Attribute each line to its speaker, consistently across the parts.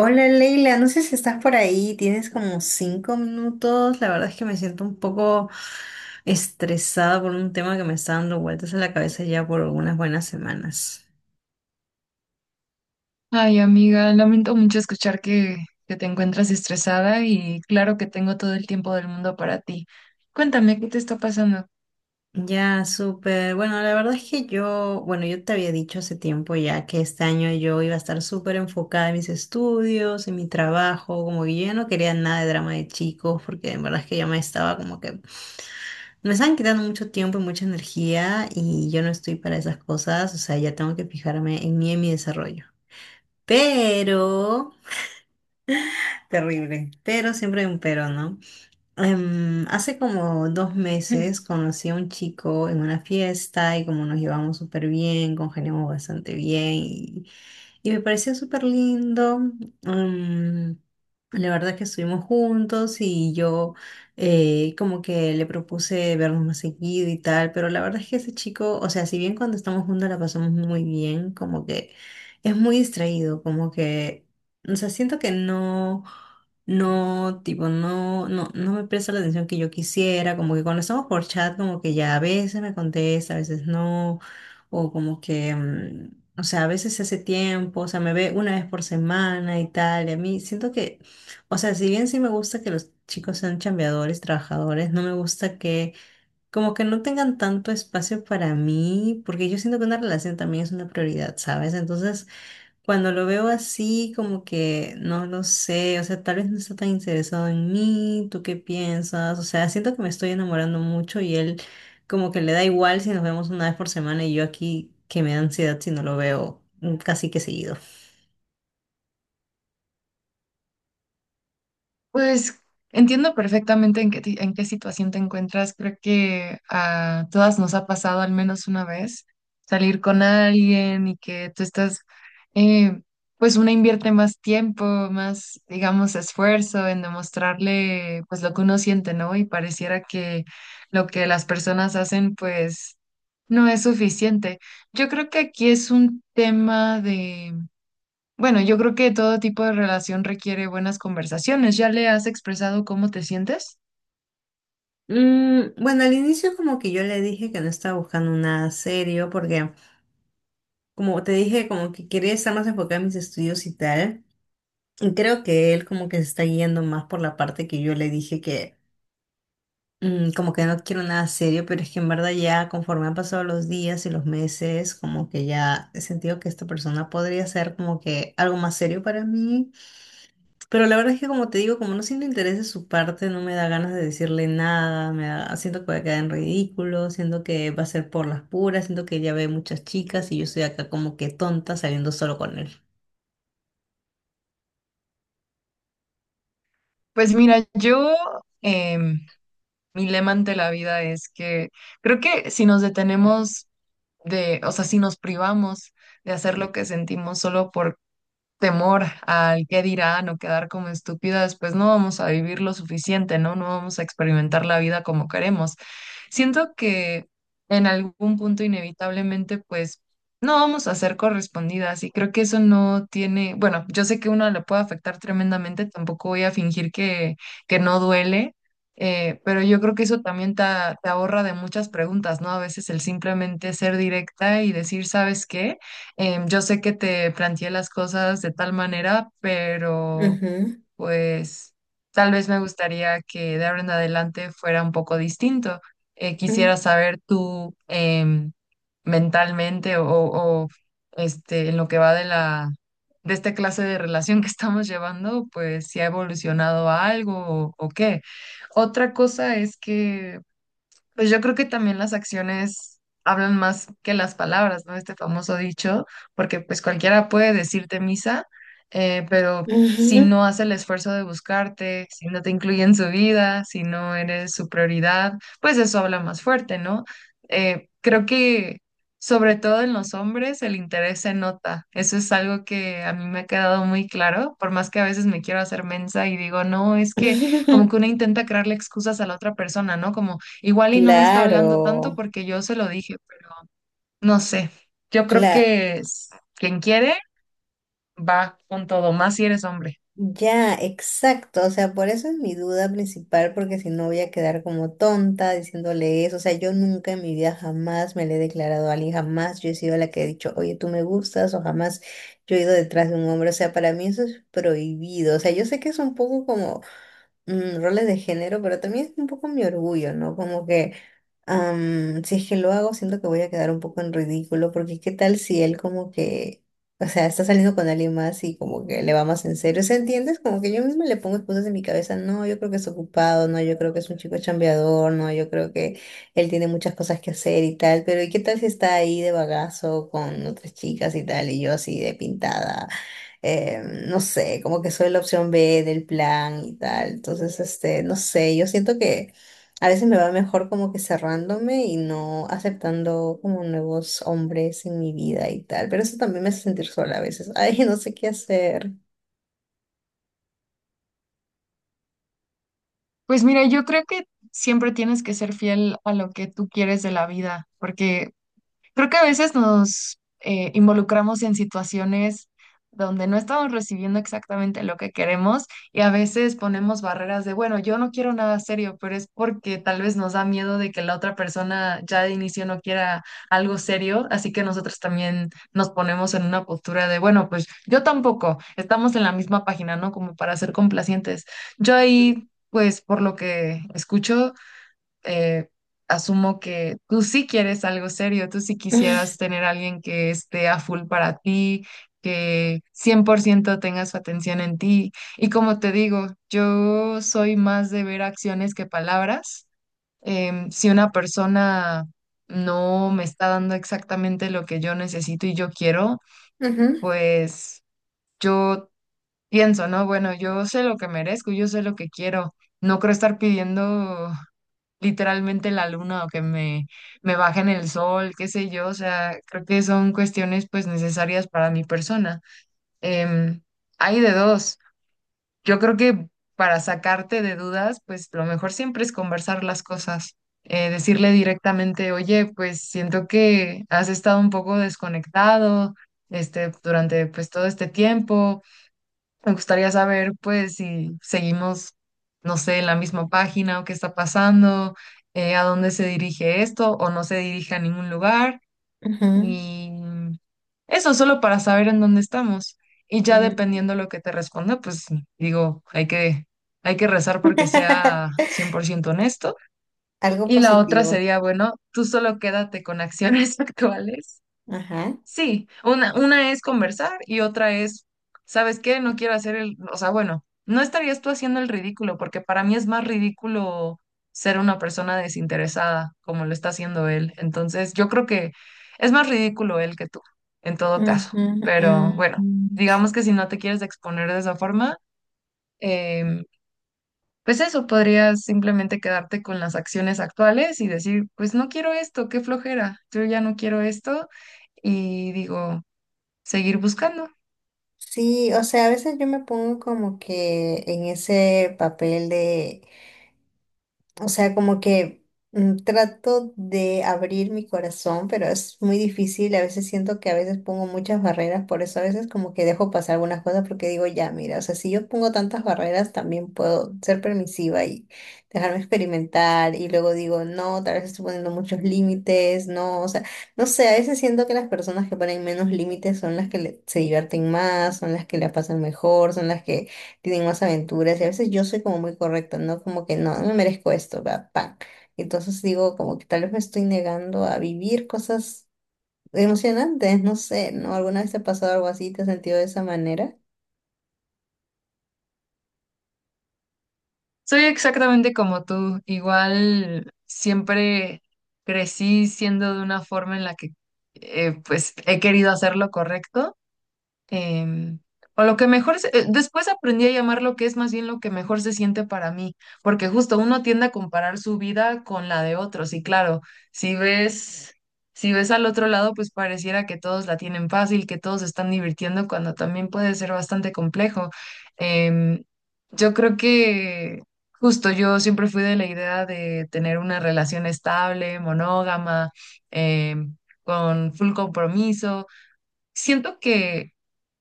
Speaker 1: Hola Leila, no sé si estás por ahí, tienes como 5 minutos. La verdad es que me siento un poco estresada por un tema que me está dando vueltas en la cabeza ya por unas buenas semanas.
Speaker 2: Ay, amiga, lamento mucho escuchar que te encuentras estresada, y claro que tengo todo el tiempo del mundo para ti. Cuéntame, ¿qué te está pasando?
Speaker 1: Ya, súper. Bueno, la verdad es que yo, bueno, yo te había dicho hace tiempo ya que este año yo iba a estar súper enfocada en mis estudios, en mi trabajo, como que yo ya no quería nada de drama de chicos, porque en verdad es que ya me estaba como que me están quitando mucho tiempo y mucha energía y yo no estoy para esas cosas, o sea, ya tengo que fijarme en mí y en mi desarrollo. Pero, terrible, pero siempre hay un pero, ¿no? Hace como 2 meses conocí a un chico en una fiesta y como nos llevamos súper bien, congeniamos bastante bien y me pareció súper lindo. mm, la verdad que estuvimos juntos y yo como que le propuse vernos más seguido y tal, pero la verdad es que ese chico, o sea, si bien cuando estamos juntos la pasamos muy bien, como que es muy distraído, como que, o sea, siento que no, no, tipo, no, no me presta la atención que yo quisiera, como que cuando estamos por chat, como que ya a veces me contesta, a veces no. O como que o sea, a veces se hace tiempo, o sea, me ve una vez por semana y tal, y a mí siento que, o sea, si bien sí me gusta que los chicos sean chambeadores, trabajadores, no me gusta que como que no tengan tanto espacio para mí, porque yo siento que una relación también es una prioridad, ¿sabes? Entonces, cuando lo veo así, como que no lo sé, o sea, tal vez no está tan interesado en mí, ¿tú qué piensas? O sea, siento que me estoy enamorando mucho y él como que le da igual si nos vemos una vez por semana y yo aquí que me da ansiedad si no lo veo casi que seguido.
Speaker 2: Pues entiendo perfectamente en en qué situación te encuentras. Creo que a todas nos ha pasado al menos una vez salir con alguien y que tú estás, eh, pues una invierte más tiempo, más, digamos, esfuerzo en demostrarle pues lo que uno siente, ¿no? Y pareciera que lo que las personas hacen pues no es suficiente. Yo creo que aquí es un tema bueno, yo creo que todo tipo de relación requiere buenas conversaciones. ¿Ya le has expresado cómo te sientes?
Speaker 1: Bueno, al inicio como que yo le dije que no estaba buscando nada serio porque como te dije como que quería estar más enfocada en mis estudios y tal. Y creo que él como que se está guiando más por la parte que yo le dije que como que no quiero nada serio, pero es que en verdad ya conforme han pasado los días y los meses, como que ya he sentido que esta persona podría ser como que algo más serio para mí. Pero la verdad es que como te digo, como no siento interés de su parte, no me da ganas de decirle nada, me da- siento que voy a quedar en ridículo, siento que va a ser por las puras, siento que ya ve muchas chicas y yo estoy acá como que tonta saliendo solo con él.
Speaker 2: Pues mira, yo, em, mi lema ante la vida es que creo que si nos detenemos de, o sea, si nos privamos de hacer lo que sentimos solo por temor al qué dirán o quedar como estúpidas, pues no vamos a vivir lo suficiente, ¿no? No vamos a experimentar la vida como queremos. Siento que en algún punto inevitablemente, pues, no vamos a ser correspondidas, y creo que eso no tiene, bueno, yo sé que uno le puede afectar tremendamente, tampoco voy a fingir que no duele, pero yo creo que eso también te ahorra de muchas preguntas, ¿no? A veces el simplemente ser directa y decir, ¿sabes qué? Yo sé que te planteé las cosas de tal manera, pero
Speaker 1: Ujú,
Speaker 2: pues tal vez me gustaría que de ahora en adelante fuera un poco distinto. Quisiera
Speaker 1: ujú,
Speaker 2: saber tú mentalmente este, en lo que va de de esta clase de relación que estamos llevando, pues si ha evolucionado a algo o qué. Otra cosa es que pues yo creo que también las acciones hablan más que las palabras, ¿no? Este famoso dicho, porque pues cualquiera puede decirte misa, pero si
Speaker 1: ujú.
Speaker 2: no hace el esfuerzo de buscarte, si no te incluye en su vida, si no eres su prioridad, pues eso habla más fuerte, ¿no? Creo que sobre todo en los hombres el interés se nota. Eso es algo que a mí me ha quedado muy claro, por más que a veces me quiero hacer mensa y digo, no, es que como
Speaker 1: Ujú.
Speaker 2: que uno intenta crearle excusas a la otra persona, ¿no? Como igual y no me está hablando tanto
Speaker 1: Claro.
Speaker 2: porque yo se lo dije, pero no sé. Yo creo que quien quiere va con todo, más si eres hombre.
Speaker 1: Ya, exacto. O sea, por eso es mi duda principal, porque si no voy a quedar como tonta diciéndole eso. O sea, yo nunca en mi vida jamás me le he declarado a alguien, jamás yo he sido la que he dicho, oye, tú me gustas, o jamás yo he ido detrás de un hombre. O sea, para mí eso es prohibido. O sea, yo sé que es un poco como roles de género, pero también es un poco mi orgullo, ¿no? Como que si es que lo hago, siento que voy a quedar un poco en ridículo, porque qué tal si él como que, o sea, está saliendo con alguien más y como que le va más en serio, ¿se entiendes? Como que yo misma le pongo excusas en mi cabeza, no, yo creo que es ocupado, no, yo creo que es un chico chambeador, no, yo creo que él tiene muchas cosas que hacer y tal, pero ¿y qué tal si está ahí de bagazo con otras chicas y tal, y yo así de pintada? No sé, como que soy la opción B del plan y tal, entonces, este, no sé, yo siento que... A veces me va mejor como que cerrándome y no aceptando como nuevos hombres en mi vida y tal, pero eso también me hace sentir sola a veces. Ay, no sé qué hacer.
Speaker 2: Pues mira, yo creo que siempre tienes que ser fiel a lo que tú quieres de la vida, porque creo que a veces nos involucramos en situaciones donde no estamos recibiendo exactamente lo que queremos, y a veces ponemos barreras de, bueno, yo no quiero nada serio, pero es porque tal vez nos da miedo de que la otra persona ya de inicio no quiera algo serio, así que nosotros también nos ponemos en una postura de, bueno, pues yo tampoco, estamos en la misma página, ¿no? Como para ser complacientes. Yo ahí, pues por lo que escucho, eh, asumo que tú sí quieres algo serio, tú sí quisieras tener a alguien que esté a full para ti, que 100% tenga su atención en ti. Y como te digo, yo soy más de ver acciones que palabras. Si una persona no me está dando exactamente lo que yo necesito y yo quiero,
Speaker 1: Ujú,
Speaker 2: pues yo pienso, ¿no? Bueno, yo sé lo que merezco, yo sé lo que quiero. No creo estar pidiendo literalmente la luna o que me bajen el sol, qué sé yo, o sea, creo que son cuestiones pues necesarias para mi persona. Em, Hay de dos. Yo creo que para sacarte de dudas, pues lo mejor siempre es conversar las cosas. Decirle directamente, oye, pues siento que has estado un poco desconectado, este, durante pues todo este tiempo me gustaría saber, pues, si seguimos, no sé, en la misma página o qué está pasando, a dónde se dirige esto o no se dirige a ningún lugar.
Speaker 1: ujú,
Speaker 2: Y eso solo para saber en dónde estamos. Y ya
Speaker 1: mm.
Speaker 2: dependiendo lo que te responda, pues digo, hay que rezar porque sea 100% honesto.
Speaker 1: Algo
Speaker 2: Y la otra
Speaker 1: positivo.
Speaker 2: sería, bueno, tú solo quédate con acciones actuales.
Speaker 1: Ajá.
Speaker 2: Sí, una es conversar y otra es, ¿sabes qué? No quiero hacer el, o sea, bueno, no estarías tú haciendo el ridículo, porque para mí es más ridículo ser una persona desinteresada como lo está haciendo él. Entonces, yo creo que es más ridículo él que tú, en todo caso.
Speaker 1: Ujú,
Speaker 2: Pero bueno,
Speaker 1: mm.
Speaker 2: digamos que si no te quieres exponer de esa forma, em, pues eso, podrías simplemente quedarte con las acciones actuales y decir, pues no quiero esto, qué flojera, yo ya no quiero esto y digo, seguir buscando.
Speaker 1: Sí, o sea, a veces yo me pongo como que en ese papel de o sea, como que trato de abrir mi corazón, pero es muy difícil. A veces siento que a veces pongo muchas barreras, por eso a veces como que dejo pasar algunas cosas porque digo, ya, mira, o sea, si yo pongo tantas barreras, también puedo ser permisiva y dejarme experimentar. Y luego digo, no, tal vez estoy poniendo muchos límites, no, o sea, no sé, a veces siento que las personas que ponen menos límites son las que le- se divierten más, son las que la pasan mejor, son las que tienen más aventuras y a veces yo soy como muy correcta, ¿no? Como que no, no me merezco esto, va, pa. Entonces digo, como que tal vez me estoy negando a vivir cosas emocionantes, no sé, ¿no? ¿Alguna vez te ha pasado algo así? ¿Te has sentido de esa manera?
Speaker 2: Soy exactamente como tú, igual siempre crecí siendo de una forma en la que pues he querido hacer lo correcto. em, o lo que mejor, después aprendí a llamar lo que es más bien lo que mejor se siente para mí, porque justo uno tiende a comparar su vida con la de otros y claro, si ves, si ves al otro lado, pues pareciera que todos la tienen fácil, que todos se están divirtiendo, cuando también puede ser bastante complejo. Em, yo creo que justo yo siempre fui de la idea de tener una relación estable, monógama, em, con full compromiso. Siento que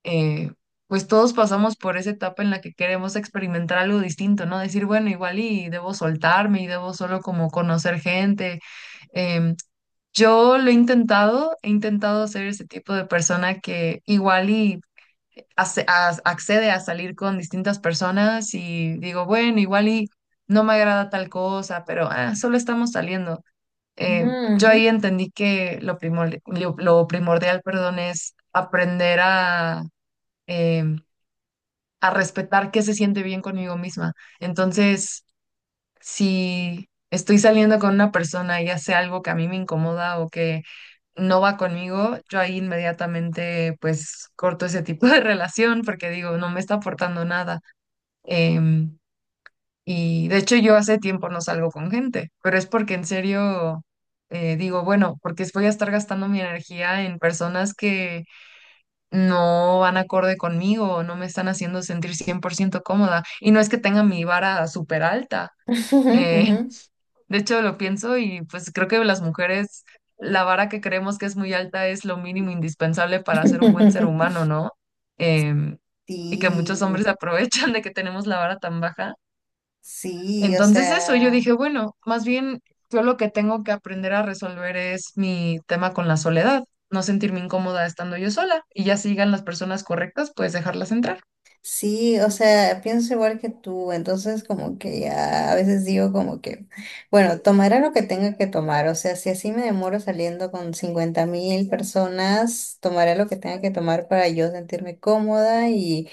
Speaker 2: eh, pues todos pasamos por esa etapa en la que queremos experimentar algo distinto, ¿no? Decir, bueno, igual y debo soltarme y debo solo como conocer gente. Em, yo lo he intentado ser ese tipo de persona que igual y accede a salir con distintas personas y digo, bueno, igual y no me agrada tal cosa, pero ah, solo estamos saliendo. Yo
Speaker 1: Ujú,
Speaker 2: ahí entendí que lo primordial, lo primordial, perdón, es aprender a, em, a respetar qué se siente bien conmigo misma. Entonces, si estoy saliendo con una persona y hace algo que a mí me incomoda o que no va conmigo, yo ahí inmediatamente pues corto ese tipo de relación porque digo, no me está aportando nada. Em, y de hecho yo hace tiempo no salgo con gente, pero es porque en serio digo, bueno, porque voy a estar gastando mi energía en personas que no van acorde conmigo, no me están haciendo sentir 100% cómoda. Y no es que tenga mi vara súper alta.
Speaker 1: ujú, ujú, ujú.
Speaker 2: eh, de hecho, lo pienso y pues creo que las mujeres, la vara que creemos que es muy alta es lo mínimo indispensable para ser un buen ser humano, ¿no? Em, y que muchos
Speaker 1: Sí,
Speaker 2: hombres se aprovechan de que tenemos la vara tan baja,
Speaker 1: sí, o
Speaker 2: entonces eso, yo
Speaker 1: sea.
Speaker 2: dije, bueno, más bien yo lo que tengo que aprender a resolver es mi tema con la soledad, no sentirme incómoda estando yo sola, y ya sigan las personas correctas, pues dejarlas entrar.
Speaker 1: Sí, o sea, pienso igual que tú, entonces como que ya a veces digo como que, bueno, tomaré lo que tenga que tomar, o sea, si así me demoro saliendo con 50.000 personas, tomaré lo que tenga que tomar para yo sentirme cómoda y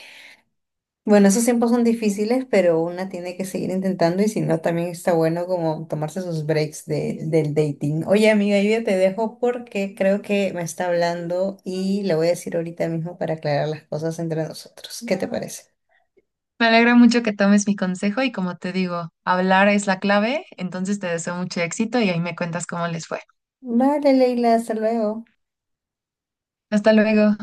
Speaker 1: bueno, esos tiempos son difíciles, pero una tiene que seguir intentando y si no, también está bueno como tomarse sus breaks de, del dating. Oye, amiga, yo ya te dejo porque creo que me está hablando y le voy a decir ahorita mismo para aclarar las cosas entre nosotros. ¿Qué te parece?
Speaker 2: Me alegra mucho que tomes mi consejo y como te digo, hablar es la clave, entonces te deseo mucho éxito y ahí me cuentas cómo les fue.
Speaker 1: Vale, Leila, hasta luego.
Speaker 2: Hasta luego.